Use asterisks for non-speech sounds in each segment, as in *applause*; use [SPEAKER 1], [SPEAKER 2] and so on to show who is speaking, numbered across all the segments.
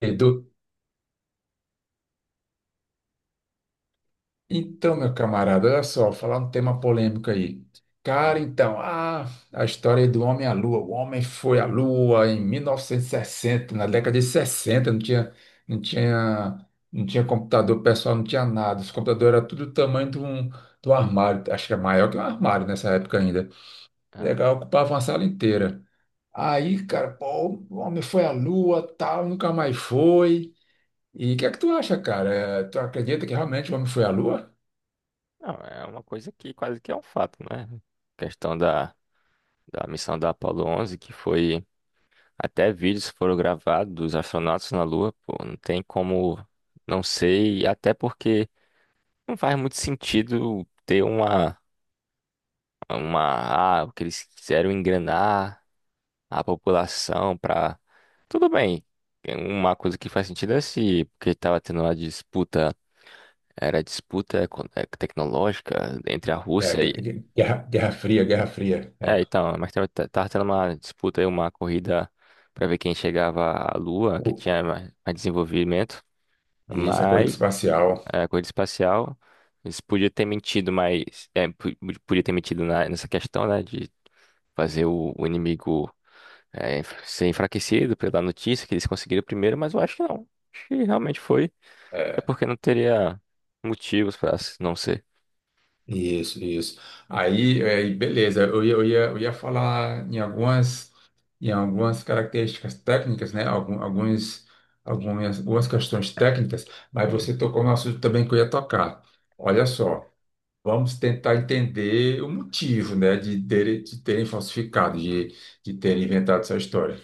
[SPEAKER 1] Edu. Então, meu camarada, olha só, falar um tema polêmico aí. Cara,
[SPEAKER 2] Hum,
[SPEAKER 1] então, a história aí do homem à lua. O homem foi à lua em 1960, na década de 60. Não tinha computador pessoal, não tinha nada. Os computadores eram tudo do tamanho de um armário, acho que é maior que um armário nessa época ainda.
[SPEAKER 2] ah.
[SPEAKER 1] Legal, ocupava uma sala inteira. Aí, cara, pô, o homem foi à lua, tal, nunca mais foi. E o que é que tu acha, cara? Tu acredita que realmente o homem foi à lua?
[SPEAKER 2] Não, é uma coisa que quase que é um fato, né? Questão da missão da Apollo 11, que foi até vídeos foram gravados dos astronautas na Lua, pô, não tem como não sei, até porque não faz muito sentido ter uma o que eles quiseram enganar a população para tudo bem. Uma coisa que faz sentido é se porque estava tendo uma disputa, era disputa tecnológica entre a
[SPEAKER 1] É,
[SPEAKER 2] Rússia.
[SPEAKER 1] Guerra Fria, Guerra Fria. É.
[SPEAKER 2] É, então, mas tava tendo uma disputa aí, uma corrida pra ver quem chegava à Lua, quem
[SPEAKER 1] O-
[SPEAKER 2] tinha mais desenvolvimento.
[SPEAKER 1] Isso, a corrida
[SPEAKER 2] Mas
[SPEAKER 1] espacial.
[SPEAKER 2] é, a corrida espacial, eles podiam ter mentido, mas é, podia ter mentido nessa questão, né, de fazer o inimigo ser enfraquecido pela notícia que eles conseguiram primeiro, mas eu acho que não. Acho que realmente foi. É
[SPEAKER 1] É.
[SPEAKER 2] porque não teria motivos pra não ser.
[SPEAKER 1] Isso, isso. Aí, e beleza, eu ia falar em algumas características técnicas, né? Algumas questões técnicas, mas
[SPEAKER 2] Hum,
[SPEAKER 1] você tocou no assunto também que eu ia tocar. Olha só. Vamos tentar entender o motivo, né, de terem falsificado, de terem inventado essa história.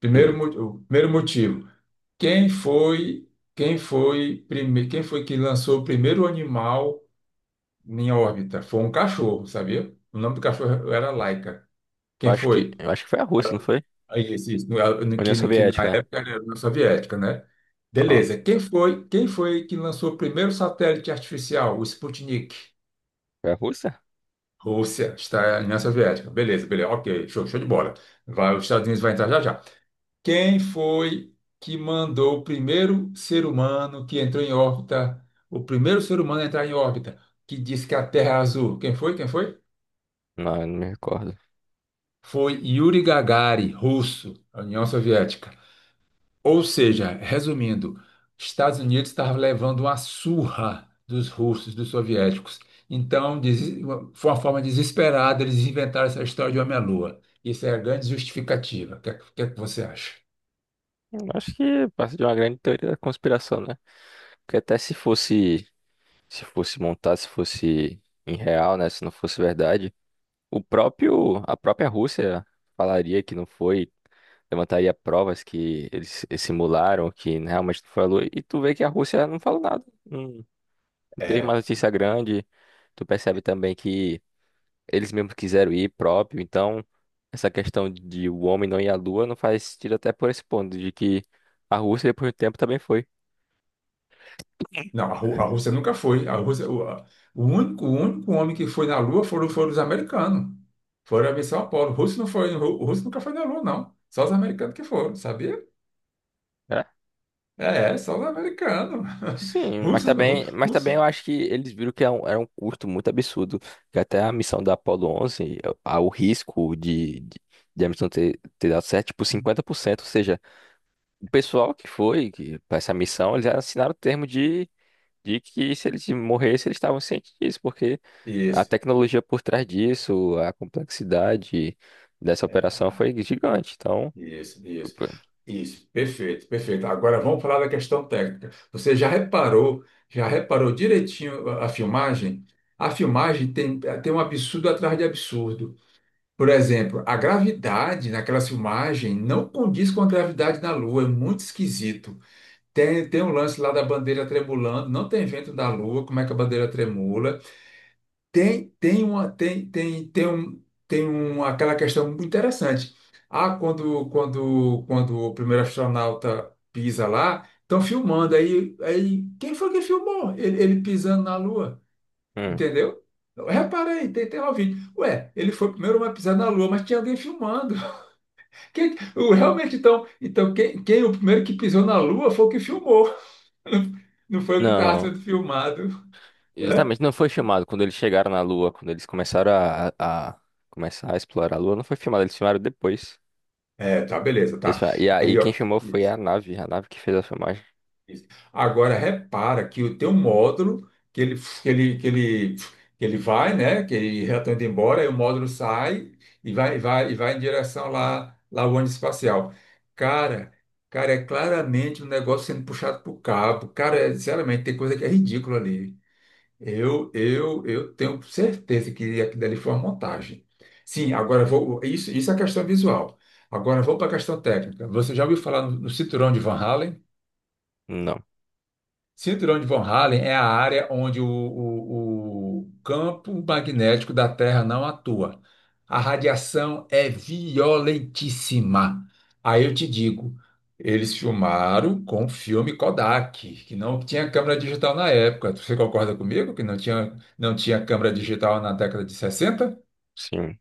[SPEAKER 1] Primeiro,
[SPEAKER 2] hum.
[SPEAKER 1] mo- o primeiro motivo, quem foi, quem foi que lançou o primeiro animal em órbita? Foi um cachorro, sabia? O nome do cachorro era Laika.
[SPEAKER 2] Eu
[SPEAKER 1] Quem
[SPEAKER 2] acho que,
[SPEAKER 1] foi?
[SPEAKER 2] eu acho que foi a Rússia, não foi?
[SPEAKER 1] Aí, esse, isso, no-
[SPEAKER 2] A
[SPEAKER 1] no-
[SPEAKER 2] União
[SPEAKER 1] que na
[SPEAKER 2] Soviética, né?
[SPEAKER 1] época era a União Soviética, né?
[SPEAKER 2] Ó,
[SPEAKER 1] Beleza. Quem foi que lançou o primeiro satélite artificial, o Sputnik?
[SPEAKER 2] foi a Rússia?
[SPEAKER 1] Rússia está na União Soviética. Beleza, beleza. Ok, show de bola. Vai, os Estados Unidos vai entrar já já. Quem foi que mandou o primeiro ser humano que entrou em órbita? O primeiro ser humano a entrar em órbita, que disse que a Terra é azul. Quem foi? Quem foi?
[SPEAKER 2] Não, eu não me recordo.
[SPEAKER 1] Foi Yuri Gagarin, russo, União Soviética. Ou seja, resumindo, Estados Unidos estava levando uma surra dos russos, dos soviéticos. Então, foi uma forma desesperada, eles inventaram essa história de homem-lua. À Isso é a grande justificativa. O que é que você acha?
[SPEAKER 2] Eu acho que passa de uma grande teoria da conspiração, né? Porque até se fosse, se fosse montar, se fosse em real, né? Se não fosse verdade, a própria Rússia falaria que não foi, levantaria provas que eles simularam, que realmente não falou. E tu vê que a Rússia não falou nada. Não teve uma
[SPEAKER 1] É,
[SPEAKER 2] notícia grande. Tu percebe também que eles mesmos quiseram ir próprio, então essa questão de o homem não ir à Lua não faz sentido até por esse ponto, de que a Rússia depois do tempo também foi.
[SPEAKER 1] não, a Rússia nunca foi. A Rússia, o, a- O único homem que foi na Lua foram os americanos. Foram a missão Apollo. O russo não foi, o russo nunca foi na Lua, não. Só os americanos que foram, sabia?
[SPEAKER 2] Né?
[SPEAKER 1] É, só os americanos. *laughs*
[SPEAKER 2] Sim, mas
[SPEAKER 1] Russo, ru-
[SPEAKER 2] também, mas
[SPEAKER 1] russo.
[SPEAKER 2] também eu acho que eles viram que era um custo muito absurdo, que até a missão da Apollo 11, o risco de a missão ter dado certo, tipo 50%. Ou seja, o pessoal que foi para essa missão, eles assinaram o termo de que se eles morressem, eles estavam cientes disso, porque a
[SPEAKER 1] Isso.
[SPEAKER 2] tecnologia por trás disso, a complexidade dessa
[SPEAKER 1] É,
[SPEAKER 2] operação foi gigante. Então,
[SPEAKER 1] Isso, isso,
[SPEAKER 2] opa,
[SPEAKER 1] isso, perfeito, perfeito. Agora vamos falar da questão técnica. Você já reparou direitinho a filmagem? A filmagem tem, tem um absurdo atrás de absurdo. Por exemplo, a gravidade naquela filmagem não condiz com a gravidade da Lua, é muito esquisito. Tem um lance lá da bandeira tremulando, não tem vento da Lua, como é que a bandeira tremula? Tem tem uma tem tem tem um, aquela questão muito interessante. Quando o primeiro astronauta pisa lá, estão filmando aí quem foi que filmou ele pisando na Lua,
[SPEAKER 2] hum,
[SPEAKER 1] entendeu? Repara aí, tem lá o vídeo. Ué, ele foi o primeiro homem a pisar na Lua, mas tinha alguém filmando. *laughs* Realmente, então, quem o primeiro que pisou na Lua foi o que filmou. *laughs* Não foi o que estava
[SPEAKER 2] não,
[SPEAKER 1] sendo filmado. Né?
[SPEAKER 2] exatamente, não foi chamado quando eles chegaram na Lua, quando eles começaram a começar a explorar a Lua, não foi filmado, eles filmaram depois.
[SPEAKER 1] É, tá, beleza, tá.
[SPEAKER 2] E
[SPEAKER 1] Aí,
[SPEAKER 2] quem
[SPEAKER 1] ó.
[SPEAKER 2] filmou foi
[SPEAKER 1] Isso.
[SPEAKER 2] a nave que fez a filmagem.
[SPEAKER 1] Isso. Agora repara que o teu módulo que ele que ele que ele vai, né, que ele já está indo embora, aí o módulo sai e vai em direção lá o ônibus espacial. Cara, cara, é claramente um negócio sendo puxado por cabo. Cara, sinceramente, tem coisa que é ridícula ali. Eu tenho certeza que aquilo dali foi uma montagem. Sim, agora vou isso é a questão visual. Agora vou para a questão técnica. Você já ouviu falar no cinturão de Van Halen?
[SPEAKER 2] Não,
[SPEAKER 1] Cinturão de Von Hallen é a área onde o campo magnético da Terra não atua. A radiação é violentíssima. Aí eu te digo, eles filmaram com filme Kodak, que não tinha câmera digital na época. Você concorda comigo que não tinha câmera digital na década de 60?
[SPEAKER 2] sim.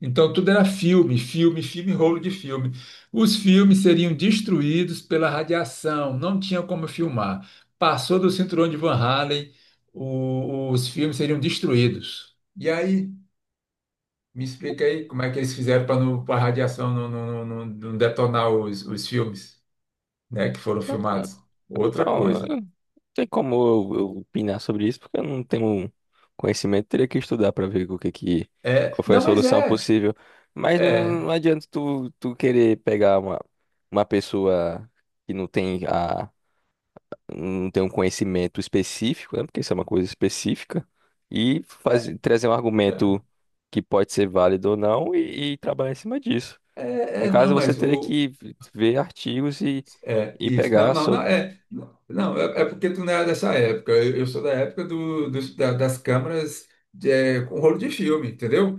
[SPEAKER 1] Então, tudo era filme, rolo de filme. Os filmes seriam destruídos pela radiação, não tinha como filmar. Passou do cinturão de Van Halen, os filmes seriam destruídos. E aí, me explica aí como é que eles fizeram para a radiação não detonar os filmes, né, que foram filmados. Outra
[SPEAKER 2] Então,
[SPEAKER 1] coisa.
[SPEAKER 2] tem como eu opinar sobre isso, porque eu não tenho conhecimento, teria que estudar para ver o que que, qual foi a
[SPEAKER 1] Não, mas
[SPEAKER 2] solução possível. Mas não, não
[SPEAKER 1] é,
[SPEAKER 2] adianta tu querer pegar uma pessoa que não tem um conhecimento específico, né? Porque isso é uma coisa específica, e
[SPEAKER 1] é,
[SPEAKER 2] fazer, trazer um argumento que pode ser válido ou não e trabalhar em cima disso. No
[SPEAKER 1] não,
[SPEAKER 2] caso, você
[SPEAKER 1] mas
[SPEAKER 2] teria que ver artigos e, e
[SPEAKER 1] Isso. Não,
[SPEAKER 2] pegar
[SPEAKER 1] não, não,
[SPEAKER 2] sobre.
[SPEAKER 1] não, é porque tu não é dessa época. Eu sou da época das câmeras com rolo de filme, entendeu?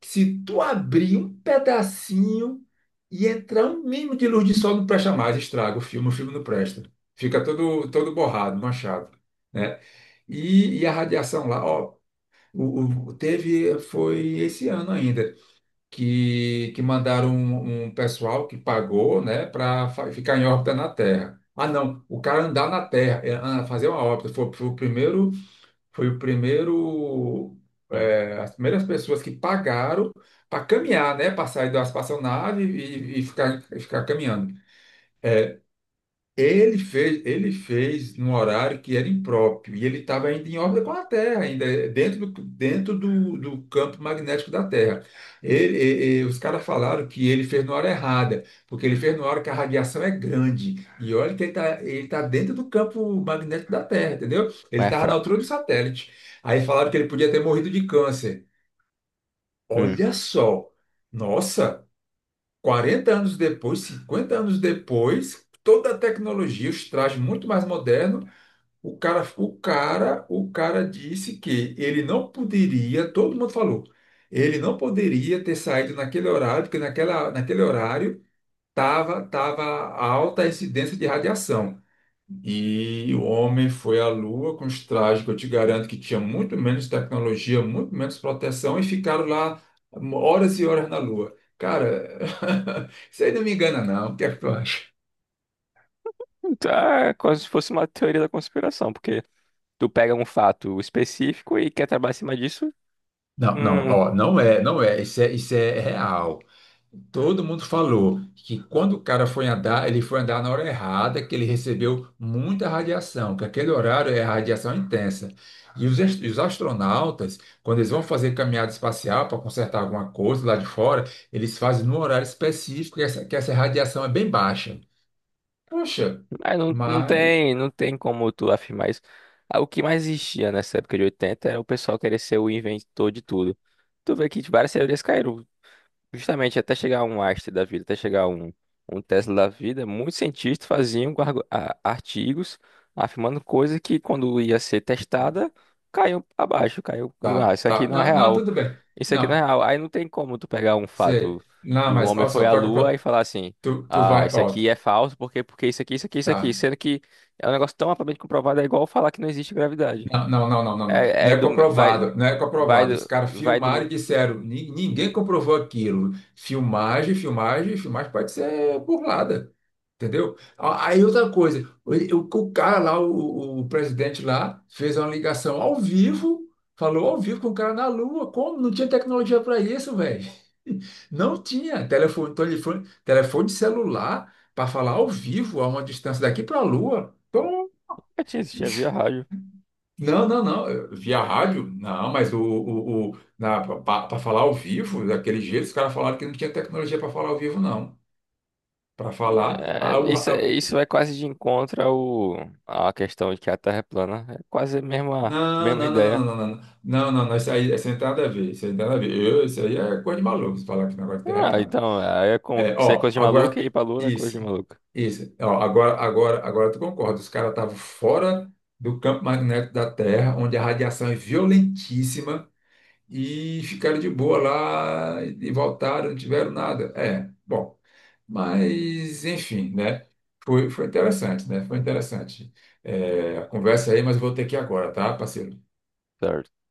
[SPEAKER 1] Se tu abrir um pedacinho e entrar um mínimo de luz de sol, não presta mais, estraga o filme não presta. Fica todo, todo borrado, manchado, né? E a radiação lá, ó, foi esse ano ainda que mandaram um pessoal que pagou, né, para ficar em órbita na Terra. Ah, não, o cara andar na Terra, fazer uma órbita, foi, foi o primeiro, foi o primeiro,
[SPEAKER 2] Hum.
[SPEAKER 1] é, as primeiras pessoas que pagaram para caminhar, né, para sair da espaçonave e ficar caminhando. Ele fez num horário que era impróprio e ele estava ainda em órbita com a Terra, ainda dentro do campo magnético da Terra. Os caras falaram que ele fez na hora errada, porque ele fez na hora que a radiação é grande. E olha que ele tá dentro do campo magnético da Terra, entendeu? Ele
[SPEAKER 2] Mas é
[SPEAKER 1] estava na
[SPEAKER 2] fraco.
[SPEAKER 1] altura do satélite. Aí falaram que ele podia ter morrido de câncer.
[SPEAKER 2] Hum.
[SPEAKER 1] Olha só, nossa. 40 anos depois, 50 anos depois, toda a tecnologia, os trajes muito mais modernos, o cara disse que ele não poderia, todo mundo falou, ele não poderia ter saído naquele horário, porque naquele horário tava alta a incidência de radiação. E o homem foi à Lua com os trajes que eu te garanto que tinha muito menos tecnologia, muito menos proteção, e ficaram lá horas e horas na Lua. Cara, *laughs* isso aí não me engana, não. O que é que tu acha?
[SPEAKER 2] Tá, é como se fosse uma teoria da conspiração, porque tu pega um fato específico e quer trabalhar em cima disso,
[SPEAKER 1] Não, não,
[SPEAKER 2] hum,
[SPEAKER 1] ó, não é, isso é real. Todo mundo falou que quando o cara foi andar, ele foi andar na hora errada, que ele recebeu muita radiação, que aquele horário é radiação intensa. E os astronautas, quando eles vão fazer caminhada espacial para consertar alguma coisa lá de fora, eles fazem num horário específico que essa radiação é bem baixa. Poxa,
[SPEAKER 2] mas não, não
[SPEAKER 1] mas.
[SPEAKER 2] tem, não tem como tu afirmar isso. Ah, o que mais existia nessa época de 80 é o pessoal querer ser o inventor de tudo. Tu vê que várias teorias caíram, justamente até chegar um Einstein da vida, até chegar um Tesla da vida, muitos cientistas faziam artigos afirmando coisas que quando ia ser testada, caiu abaixo.
[SPEAKER 1] Tá,
[SPEAKER 2] Isso aqui
[SPEAKER 1] tá.
[SPEAKER 2] não é
[SPEAKER 1] Não, não,
[SPEAKER 2] real.
[SPEAKER 1] tudo bem.
[SPEAKER 2] Isso aqui não é
[SPEAKER 1] Não,
[SPEAKER 2] real. Aí não tem como tu pegar um fato
[SPEAKER 1] você. Não,
[SPEAKER 2] de um
[SPEAKER 1] mas,
[SPEAKER 2] homem
[SPEAKER 1] olha
[SPEAKER 2] foi
[SPEAKER 1] só,
[SPEAKER 2] à
[SPEAKER 1] troca.
[SPEAKER 2] Lua e falar assim,
[SPEAKER 1] Tu
[SPEAKER 2] ah,
[SPEAKER 1] vai.
[SPEAKER 2] isso
[SPEAKER 1] Ó,
[SPEAKER 2] aqui é falso, porque isso aqui,
[SPEAKER 1] tá.
[SPEAKER 2] sendo que é um negócio tão amplamente comprovado, é igual falar que não existe gravidade.
[SPEAKER 1] Não, não, não, não, não. Não
[SPEAKER 2] É,
[SPEAKER 1] Não
[SPEAKER 2] é
[SPEAKER 1] é
[SPEAKER 2] do, vai,
[SPEAKER 1] comprovado, não é comprovado. Os caras
[SPEAKER 2] vai
[SPEAKER 1] filmaram
[SPEAKER 2] do,
[SPEAKER 1] e disseram, "Ninguém comprovou aquilo. Filmagem, filmagem, filmagem pode ser burlada, entendeu? Aí outra coisa, o cara lá, o presidente lá, fez uma ligação ao vivo, falou ao vivo com o cara na Lua. Como? Não tinha tecnologia para isso, velho. *laughs* Não tinha telefone celular para falar ao vivo a uma distância daqui para a Lua.
[SPEAKER 2] eu tinha existido, via rádio.
[SPEAKER 1] Não, não, não. Via rádio? Não, mas para falar ao vivo, daquele jeito, os caras falaram que não tinha tecnologia para falar ao vivo, não. Para falar.
[SPEAKER 2] É, isso, isso é quase de encontro à questão de que a Terra é plana. É quase a mesma,
[SPEAKER 1] Não,
[SPEAKER 2] mesma
[SPEAKER 1] não, não,
[SPEAKER 2] ideia.
[SPEAKER 1] não, não, não, não. Não, não, não, isso aí não tem nada a ver. Isso aí não tem nada a ver. Isso aí é coisa de maluco, se falar que o negócio de terra é
[SPEAKER 2] Ah,
[SPEAKER 1] plana.
[SPEAKER 2] então, aí é como que
[SPEAKER 1] É,
[SPEAKER 2] isso é
[SPEAKER 1] ó,
[SPEAKER 2] coisa de
[SPEAKER 1] agora.
[SPEAKER 2] maluco e ir pra Lua é coisa
[SPEAKER 1] Isso,
[SPEAKER 2] de maluco.
[SPEAKER 1] isso. Ó, agora tu concorda. Os caras estavam fora do campo magnético da Terra, onde a radiação é violentíssima. E ficaram de boa lá e voltaram, não tiveram nada. É, bom, mas enfim, né? Foi interessante, né? Foi interessante. É, a conversa aí, mas eu vou ter que ir agora, tá, parceiro?
[SPEAKER 2] Certo.